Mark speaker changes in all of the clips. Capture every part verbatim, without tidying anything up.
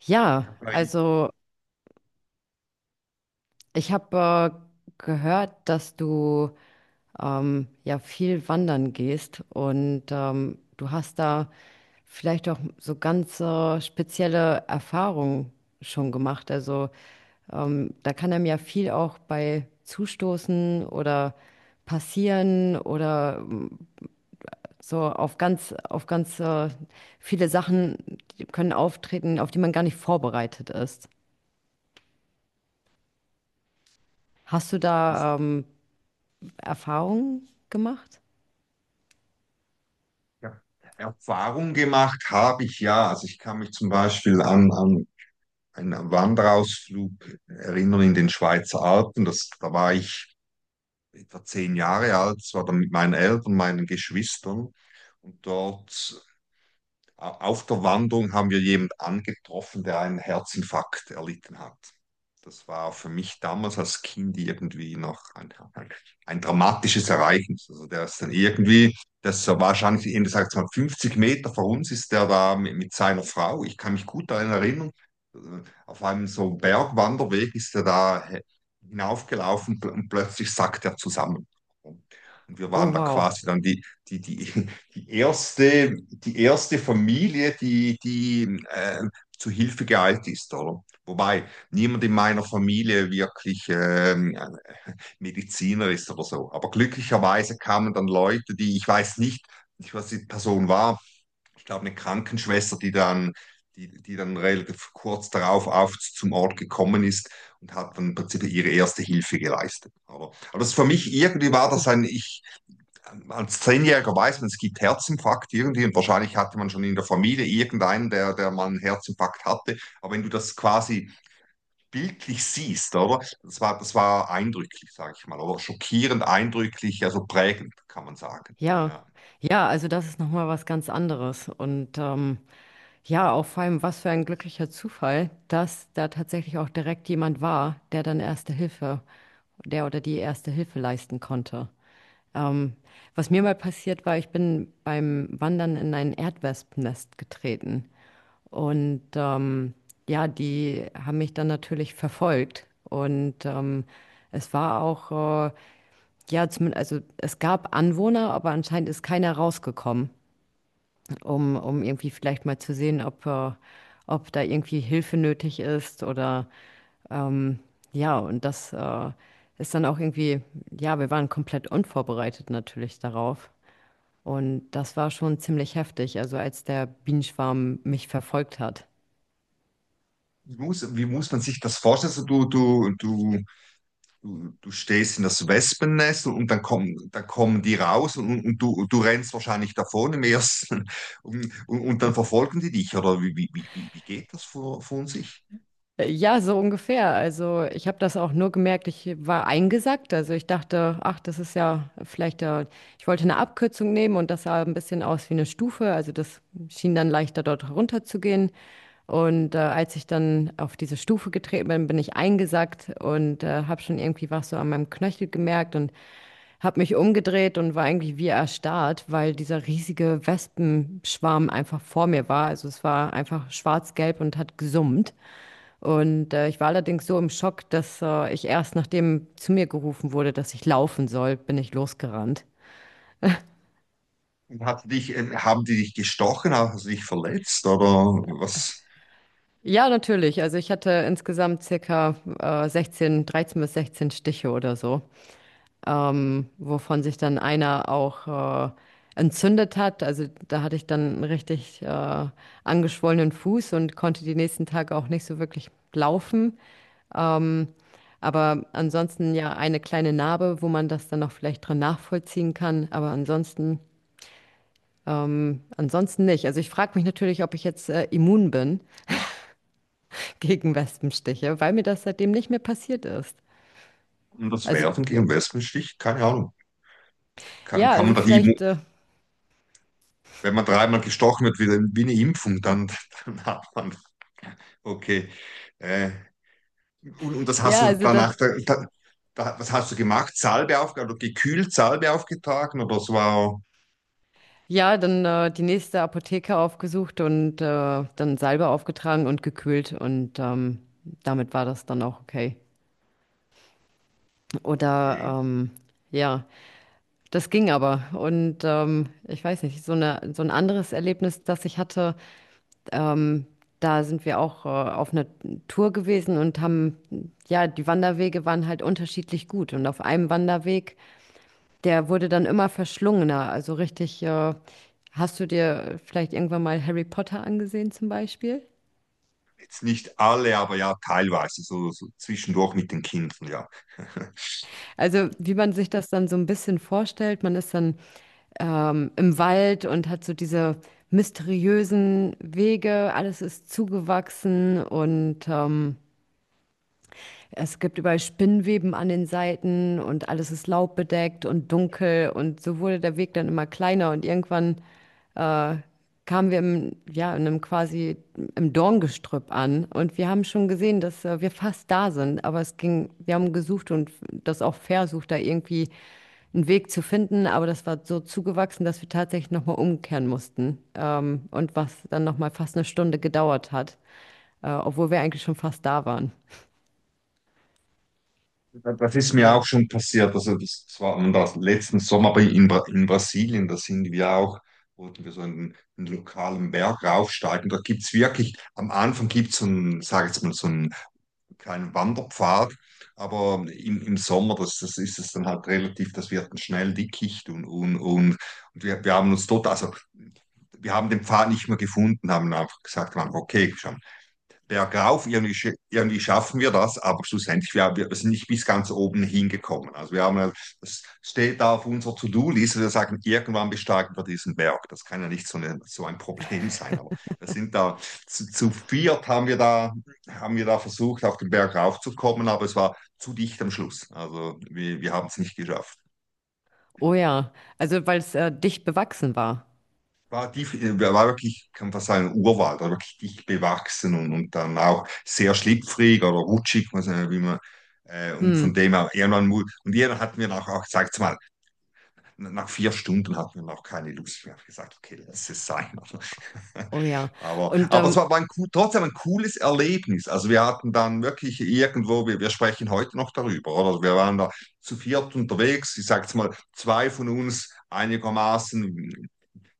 Speaker 1: Ja,
Speaker 2: Weil
Speaker 1: also ich habe äh, gehört, dass du ähm, ja viel wandern gehst, und ähm, du hast da vielleicht auch so ganz äh, spezielle Erfahrungen schon gemacht. Also ähm, da kann einem ja viel auch bei zustoßen oder passieren, oder ähm, so auf ganz, auf ganz äh, viele Sachen die können auftreten, auf die man gar nicht vorbereitet ist. Hast du
Speaker 2: ich
Speaker 1: da ähm, Erfahrungen gemacht?
Speaker 2: hab Erfahrung gemacht habe ich ja. Also ich kann mich zum Beispiel an, an einen Wanderausflug erinnern in den Schweizer Alpen. Das, da war ich etwa zehn Jahre alt, das war dann mit meinen Eltern, meinen Geschwistern. Und dort Auf der Wanderung haben wir jemanden angetroffen, der einen Herzinfarkt erlitten hat. Das war für mich damals als Kind irgendwie noch ein, ein dramatisches Ereignis. Also der ist dann irgendwie, das war wahrscheinlich, eben sagt mal, fünfzig Meter vor uns ist der da mit, mit seiner Frau. Ich kann mich gut daran erinnern. Auf einem so Bergwanderweg ist er da hinaufgelaufen und plötzlich sackt er zusammen. Und wir
Speaker 1: Oh,
Speaker 2: waren da
Speaker 1: wow.
Speaker 2: quasi dann die, die, die, die erste, die erste Familie, die, die äh, zu Hilfe geeilt ist, oder? Wobei niemand in meiner Familie wirklich ähm, äh, Mediziner ist oder so. Aber glücklicherweise kamen dann Leute, die, ich weiß nicht, nicht, was die Person war, ich glaube eine Krankenschwester, die dann, die, die dann relativ kurz darauf auf zum Ort gekommen ist und hat dann im Prinzip ihre erste Hilfe geleistet. Aber, aber das ist für mich irgendwie war das ein, ich, als Zehnjähriger weiß man, es gibt Herzinfarkt irgendwie und wahrscheinlich hatte man schon in der Familie irgendeinen, der, der mal einen Herzinfarkt hatte. Aber wenn du das quasi bildlich siehst, oder? Das war, das war eindrücklich, sage ich mal, oder schockierend eindrücklich, also prägend, kann man sagen.
Speaker 1: Ja,
Speaker 2: Ja.
Speaker 1: ja, also das ist nochmal was ganz anderes. Und ähm, ja, auch vor allem, was für ein glücklicher Zufall, dass da tatsächlich auch direkt jemand war, der dann Erste Hilfe, der oder die Erste Hilfe leisten konnte. Ähm, Was mir mal passiert war, ich bin beim Wandern in ein Erdwespennest getreten. Und ähm, ja, die haben mich dann natürlich verfolgt. Und ähm, es war auch äh, ja, zumindest, also es gab Anwohner, aber anscheinend ist keiner rausgekommen, um, um irgendwie vielleicht mal zu sehen, ob, äh, ob da irgendwie Hilfe nötig ist, oder ähm, ja, und das äh, ist dann auch irgendwie, ja, wir waren komplett unvorbereitet natürlich darauf. Und das war schon ziemlich heftig, also als der Bienenschwarm mich verfolgt hat.
Speaker 2: Wie muss, wie muss man sich das vorstellen? Also du, du, du du, du stehst in das Wespennest, und dann kommen, dann kommen die raus, und, und du, du rennst wahrscheinlich davon im ersten und, und, und dann verfolgen die dich, oder wie, wie, wie, wie geht das vor, von sich?
Speaker 1: Äh, Ja, so ungefähr. Also ich habe das auch nur gemerkt, ich war eingesackt. Also ich dachte, ach, das ist ja vielleicht, äh, ich wollte eine Abkürzung nehmen, und das sah ein bisschen aus wie eine Stufe. Also das schien dann leichter dort runter zu gehen. Und äh, als ich dann auf diese Stufe getreten bin, bin ich eingesackt und äh, habe schon irgendwie was so an meinem Knöchel gemerkt und habe mich umgedreht und war eigentlich wie erstarrt, weil dieser riesige Wespenschwarm einfach vor mir war. Also es war einfach schwarz-gelb und hat gesummt. Und äh, ich war allerdings so im Schock, dass äh, ich erst, nachdem zu mir gerufen wurde, dass ich laufen soll, bin ich losgerannt.
Speaker 2: und Hat dich, äh, haben die dich gestochen, hast du dich verletzt oder was?
Speaker 1: Ja, natürlich. Also ich hatte insgesamt circa äh, sechzehn, dreizehn bis sechzehn Stiche oder so, ähm, wovon sich dann einer auch äh, entzündet hat. Also da hatte ich dann einen richtig äh, angeschwollenen Fuß und konnte die nächsten Tage auch nicht so wirklich laufen. Aber ansonsten ja eine kleine Narbe, wo man das dann noch vielleicht drin nachvollziehen kann. Aber ansonsten Ähm, ansonsten nicht. Also ich frage mich natürlich, ob ich jetzt äh, immun bin gegen Wespenstiche, weil mir das seitdem nicht mehr passiert ist.
Speaker 2: Und das
Speaker 1: Also
Speaker 2: Werfen gegen Wespenstich? Keine Ahnung. Kann,
Speaker 1: ja,
Speaker 2: kann man
Speaker 1: also
Speaker 2: da die,
Speaker 1: vielleicht,
Speaker 2: Immu-
Speaker 1: äh,
Speaker 2: wenn man dreimal gestochen wird, wie, wie eine Impfung, dann, dann hat man, okay, äh, Und, und das hast
Speaker 1: ja,
Speaker 2: du
Speaker 1: also das,
Speaker 2: danach, da, da, da, was hast du gemacht? Salbe aufgetragen oder gekühlt Salbe aufgetragen? Oder es war,
Speaker 1: ja, dann äh, die nächste Apotheke aufgesucht und äh, dann Salbe aufgetragen und gekühlt und ähm, damit war das dann auch okay.
Speaker 2: okay,
Speaker 1: Oder ähm, ja, das ging aber. Und ähm, ich weiß nicht, so eine, so ein anderes Erlebnis, das ich hatte. Ähm, Da sind wir auch äh, auf einer Tour gewesen und haben, ja, die Wanderwege waren halt unterschiedlich gut. Und auf einem Wanderweg, der wurde dann immer verschlungener. Also richtig, äh, hast du dir vielleicht irgendwann mal Harry Potter angesehen zum Beispiel?
Speaker 2: jetzt nicht alle, aber ja, teilweise, so, so zwischendurch mit den Kindern, ja.
Speaker 1: Also wie man sich das dann so ein bisschen vorstellt, man ist dann ähm, im Wald und hat so diese mysteriösen Wege, alles ist zugewachsen, und ähm, es gibt überall Spinnweben an den Seiten und alles ist laubbedeckt und dunkel. Und so wurde der Weg dann immer kleiner, und irgendwann kamen wir im, ja, in einem quasi im Dorngestrüpp an, und wir haben schon gesehen, dass äh, wir fast da sind, aber es ging, wir haben gesucht und das auch versucht, da irgendwie einen Weg zu finden, aber das war so zugewachsen, dass wir tatsächlich nochmal umkehren mussten, ähm, und was dann nochmal fast eine Stunde gedauert hat, äh, obwohl wir eigentlich schon fast da waren.
Speaker 2: Das ist mir
Speaker 1: Ja.
Speaker 2: auch schon passiert. Also das, das war das letzten Sommer aber in, Bra- in Brasilien. Da sind wir auch, wollten wir so einen, einen lokalen Berg raufsteigen. Da gibt es wirklich, am Anfang gibt es so einen, sag jetzt mal, so einen kleinen Wanderpfad. Aber im, im Sommer, das, das ist es dann halt relativ, das wird dann schnell dickicht und, und, und, und wir, wir haben uns dort, also wir haben den Pfad nicht mehr gefunden, haben einfach gesagt, wir haben, okay, bergauf, irgendwie, sch- irgendwie schaffen wir das, aber schlussendlich, wir, wir sind nicht bis ganz oben hingekommen. Also wir haben, ja, das steht da auf unserer To-Do-Liste, wir sagen, irgendwann besteigen wir diesen Berg. Das kann ja nicht so, eine, so ein Problem sein, aber wir sind da, zu, zu viert haben wir da, haben wir da versucht, auf den Berg raufzukommen, aber es war zu dicht am Schluss. Also wir, wir haben es nicht geschafft.
Speaker 1: Oh ja, also weil es äh, dicht bewachsen war.
Speaker 2: war, die, war wirklich, kann man sagen, Urwald, war wirklich dicht bewachsen, und, und dann auch sehr schlüpfrig oder rutschig, weiß nicht, wie man, äh, und
Speaker 1: Hm.
Speaker 2: von dem her, irgendwann, mu- und irgendwann hatten wir nach, auch, sag's mal, nach vier Stunden hatten wir noch keine Lust mehr. Ich habe gesagt, okay, lass es sein.
Speaker 1: Oh ja.
Speaker 2: aber,
Speaker 1: Und
Speaker 2: aber es
Speaker 1: ähm,
Speaker 2: war, war ein, cool- trotzdem ein cooles Erlebnis. Also wir hatten dann wirklich irgendwo, wir, wir sprechen heute noch darüber, oder? Wir waren da zu viert unterwegs, ich sag's mal, zwei von uns einigermaßen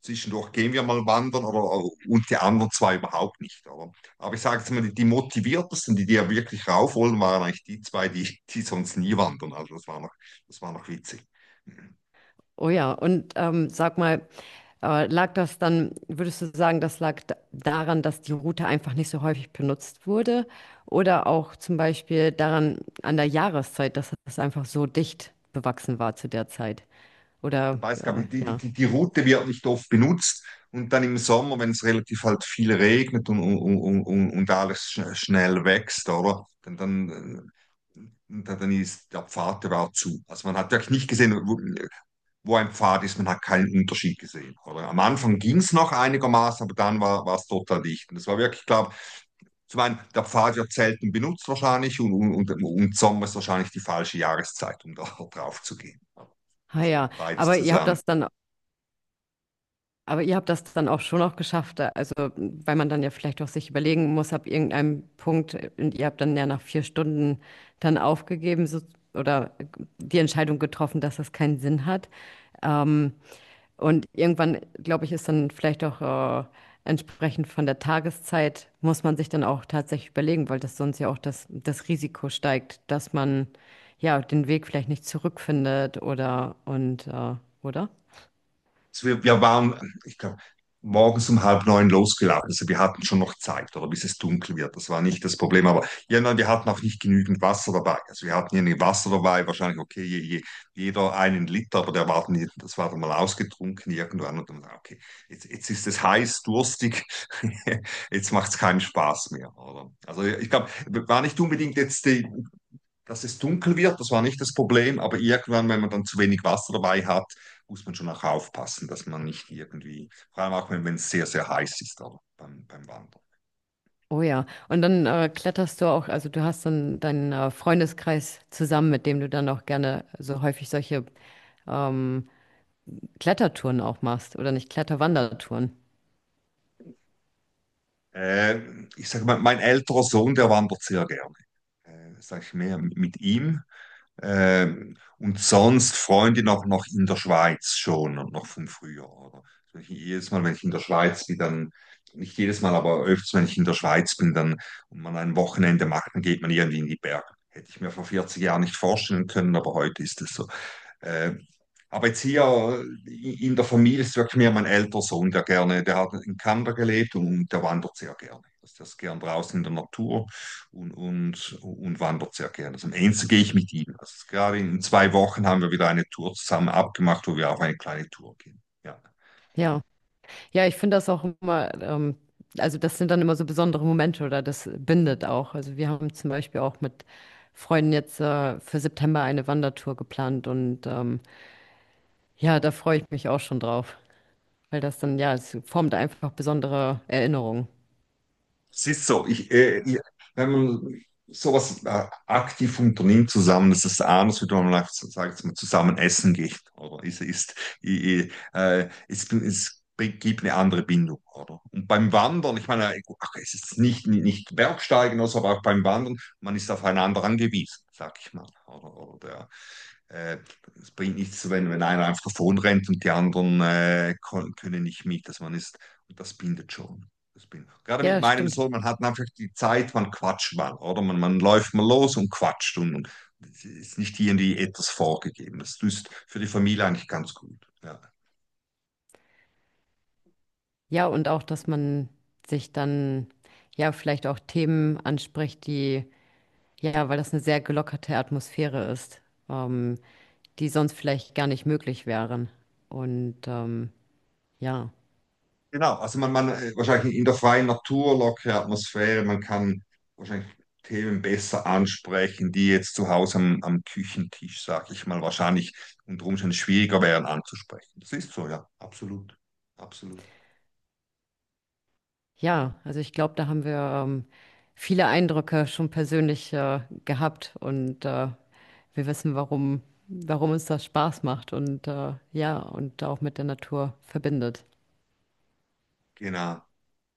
Speaker 2: zwischendurch gehen wir mal wandern oder, und die anderen zwei überhaupt nicht. Oder? Aber ich sage jetzt mal, die, die motiviertesten, die die ja wirklich rauf wollen, waren eigentlich die zwei, die, die sonst nie wandern. Also das war noch, das war noch witzig.
Speaker 1: oh ja, und ähm, sag mal, äh, lag das dann, würdest du sagen, das lag da- daran, dass die Route einfach nicht so häufig benutzt wurde? Oder auch zum Beispiel daran, an der Jahreszeit, dass es einfach so dicht bewachsen war zu der Zeit? Oder
Speaker 2: Weiß, glaube
Speaker 1: äh,
Speaker 2: ich, die, die,
Speaker 1: ja.
Speaker 2: die die Route wird nicht oft benutzt, und dann im Sommer, wenn es relativ halt viel regnet und, und, und, und und alles schn- schnell wächst, oder? Dann, dann äh, und dann ist der Pfad, der war zu. Also man hat wirklich nicht gesehen, wo, wo ein Pfad ist, man hat keinen Unterschied gesehen. Oder am Anfang ging es noch einigermaßen, aber dann war war es total dicht. Und das war wirklich, ich glaube, zum einen, der Pfad wird selten benutzt wahrscheinlich, und, und, und, und Sommer ist wahrscheinlich die falsche Jahreszeit, um da drauf zu gehen.
Speaker 1: Ah
Speaker 2: Also
Speaker 1: ja,
Speaker 2: beides
Speaker 1: aber ihr habt
Speaker 2: zusammen.
Speaker 1: das dann Aber ihr habt das dann auch schon auch geschafft, also weil man dann ja vielleicht auch sich überlegen muss, ab irgendeinem Punkt, äh, und ihr habt dann ja nach vier Stunden dann aufgegeben so, oder die Entscheidung getroffen, dass das keinen Sinn hat. Ähm, und irgendwann, glaube ich, ist dann vielleicht auch äh, entsprechend von der Tageszeit, muss man sich dann auch tatsächlich überlegen, weil das sonst ja auch das, das Risiko steigt, dass man ja den Weg vielleicht nicht zurückfindet, oder und äh, oder?
Speaker 2: Also wir, wir waren, ich glaube, morgens um halb neun losgelaufen. Also wir hatten schon noch Zeit, oder bis es dunkel wird. Das war nicht das Problem. Aber ja, nein, wir hatten auch nicht genügend Wasser dabei. Also wir hatten irgendwie Wasser dabei, wahrscheinlich, okay, je, je, jeder einen Liter, aber der war dann, das war dann mal ausgetrunken irgendwann. Und dann, okay, jetzt, jetzt ist es heiß, durstig, jetzt macht es keinen Spaß mehr, oder? Also ich glaube, war nicht unbedingt jetzt die, dass es dunkel wird, das war nicht das Problem, aber irgendwann, wenn man dann zu wenig Wasser dabei hat, muss man schon auch aufpassen, dass man nicht irgendwie, vor allem auch wenn wenn es sehr, sehr heiß ist aber beim, beim Wandern.
Speaker 1: Oh ja, und dann äh, kletterst du auch, also du hast so einen, deinen äh, Freundeskreis zusammen, mit dem du dann auch gerne so häufig solche ähm, Klettertouren auch machst, oder nicht Kletterwandertouren.
Speaker 2: Äh, ich sage mal, mein älterer Sohn, der wandert sehr gerne. Äh, sage ich mehr mit ihm. Ähm, und sonst Freundin auch noch in der Schweiz schon und noch von früher, oder? Also ich, jedes Mal, wenn ich in der Schweiz bin, dann, nicht jedes Mal, aber öfters, wenn ich in der Schweiz bin, dann und man ein Wochenende macht, dann geht man irgendwie in die Berge. Hätte ich mir vor vierzig Jahren nicht vorstellen können, aber heute ist es so. Äh, aber jetzt hier in der Familie ist wirklich mehr mein älterer Sohn, der gerne, der hat in Kanada gelebt und der wandert sehr gerne. Also der ist gern draußen in der Natur und, und, und wandert sehr gerne. Also am Ende gehe ich mit ihm. Also gerade in zwei Wochen haben wir wieder eine Tour zusammen abgemacht, wo wir auf eine kleine Tour gehen. Ja.
Speaker 1: Ja, ja, ich finde das auch immer, ähm, also das sind dann immer so besondere Momente, oder das bindet auch. Also wir haben zum Beispiel auch mit Freunden jetzt äh, für September eine Wandertour geplant, und ähm, ja, da freue ich mich auch schon drauf, weil das dann, ja, es formt einfach besondere Erinnerungen.
Speaker 2: Es ist so, ich, äh, ich, wenn man sowas äh, aktiv unternimmt zusammen, das ist anders, wie man sagt, sagt man zusammen essen geht, oder? Es ist, ich, äh, es, es gibt eine andere Bindung, oder? Und beim Wandern, ich meine, äh, ach, es ist nicht, nicht Bergsteigen, also, aber auch beim Wandern, man ist aufeinander angewiesen, sag ich mal, oder? Oder ja. Äh, es bringt nichts, wenn, wenn einer einfach davon rennt und die anderen äh, kon- können nicht mit. Dass man ist, und das bindet schon. Das bindet. Gerade mit
Speaker 1: Ja,
Speaker 2: meinem
Speaker 1: stimmt.
Speaker 2: Sohn, man hat einfach die Zeit, man quatscht mal, oder? Man, man läuft mal los und quatscht, und, und es ist nicht irgendwie etwas vorgegeben. Das ist für die Familie eigentlich ganz gut. Ja.
Speaker 1: Ja, und auch, dass man sich dann ja vielleicht auch Themen anspricht, die, ja, weil das eine sehr gelockerte Atmosphäre ist, ähm, die sonst vielleicht gar nicht möglich wären. Und ähm, ja,
Speaker 2: Genau, also man, man äh, wahrscheinlich in der freien Natur, lockere Atmosphäre, man kann wahrscheinlich Themen besser ansprechen, die jetzt zu Hause am, am Küchentisch, sag ich mal, wahrscheinlich unter Umständen schwieriger wären anzusprechen. Das ist so, ja, absolut, absolut.
Speaker 1: ja, also ich glaube, da haben wir ähm, viele Eindrücke schon persönlich äh, gehabt und äh, wir wissen, warum, warum uns das Spaß macht, und äh, ja, und auch mit der Natur verbindet.
Speaker 2: Genau.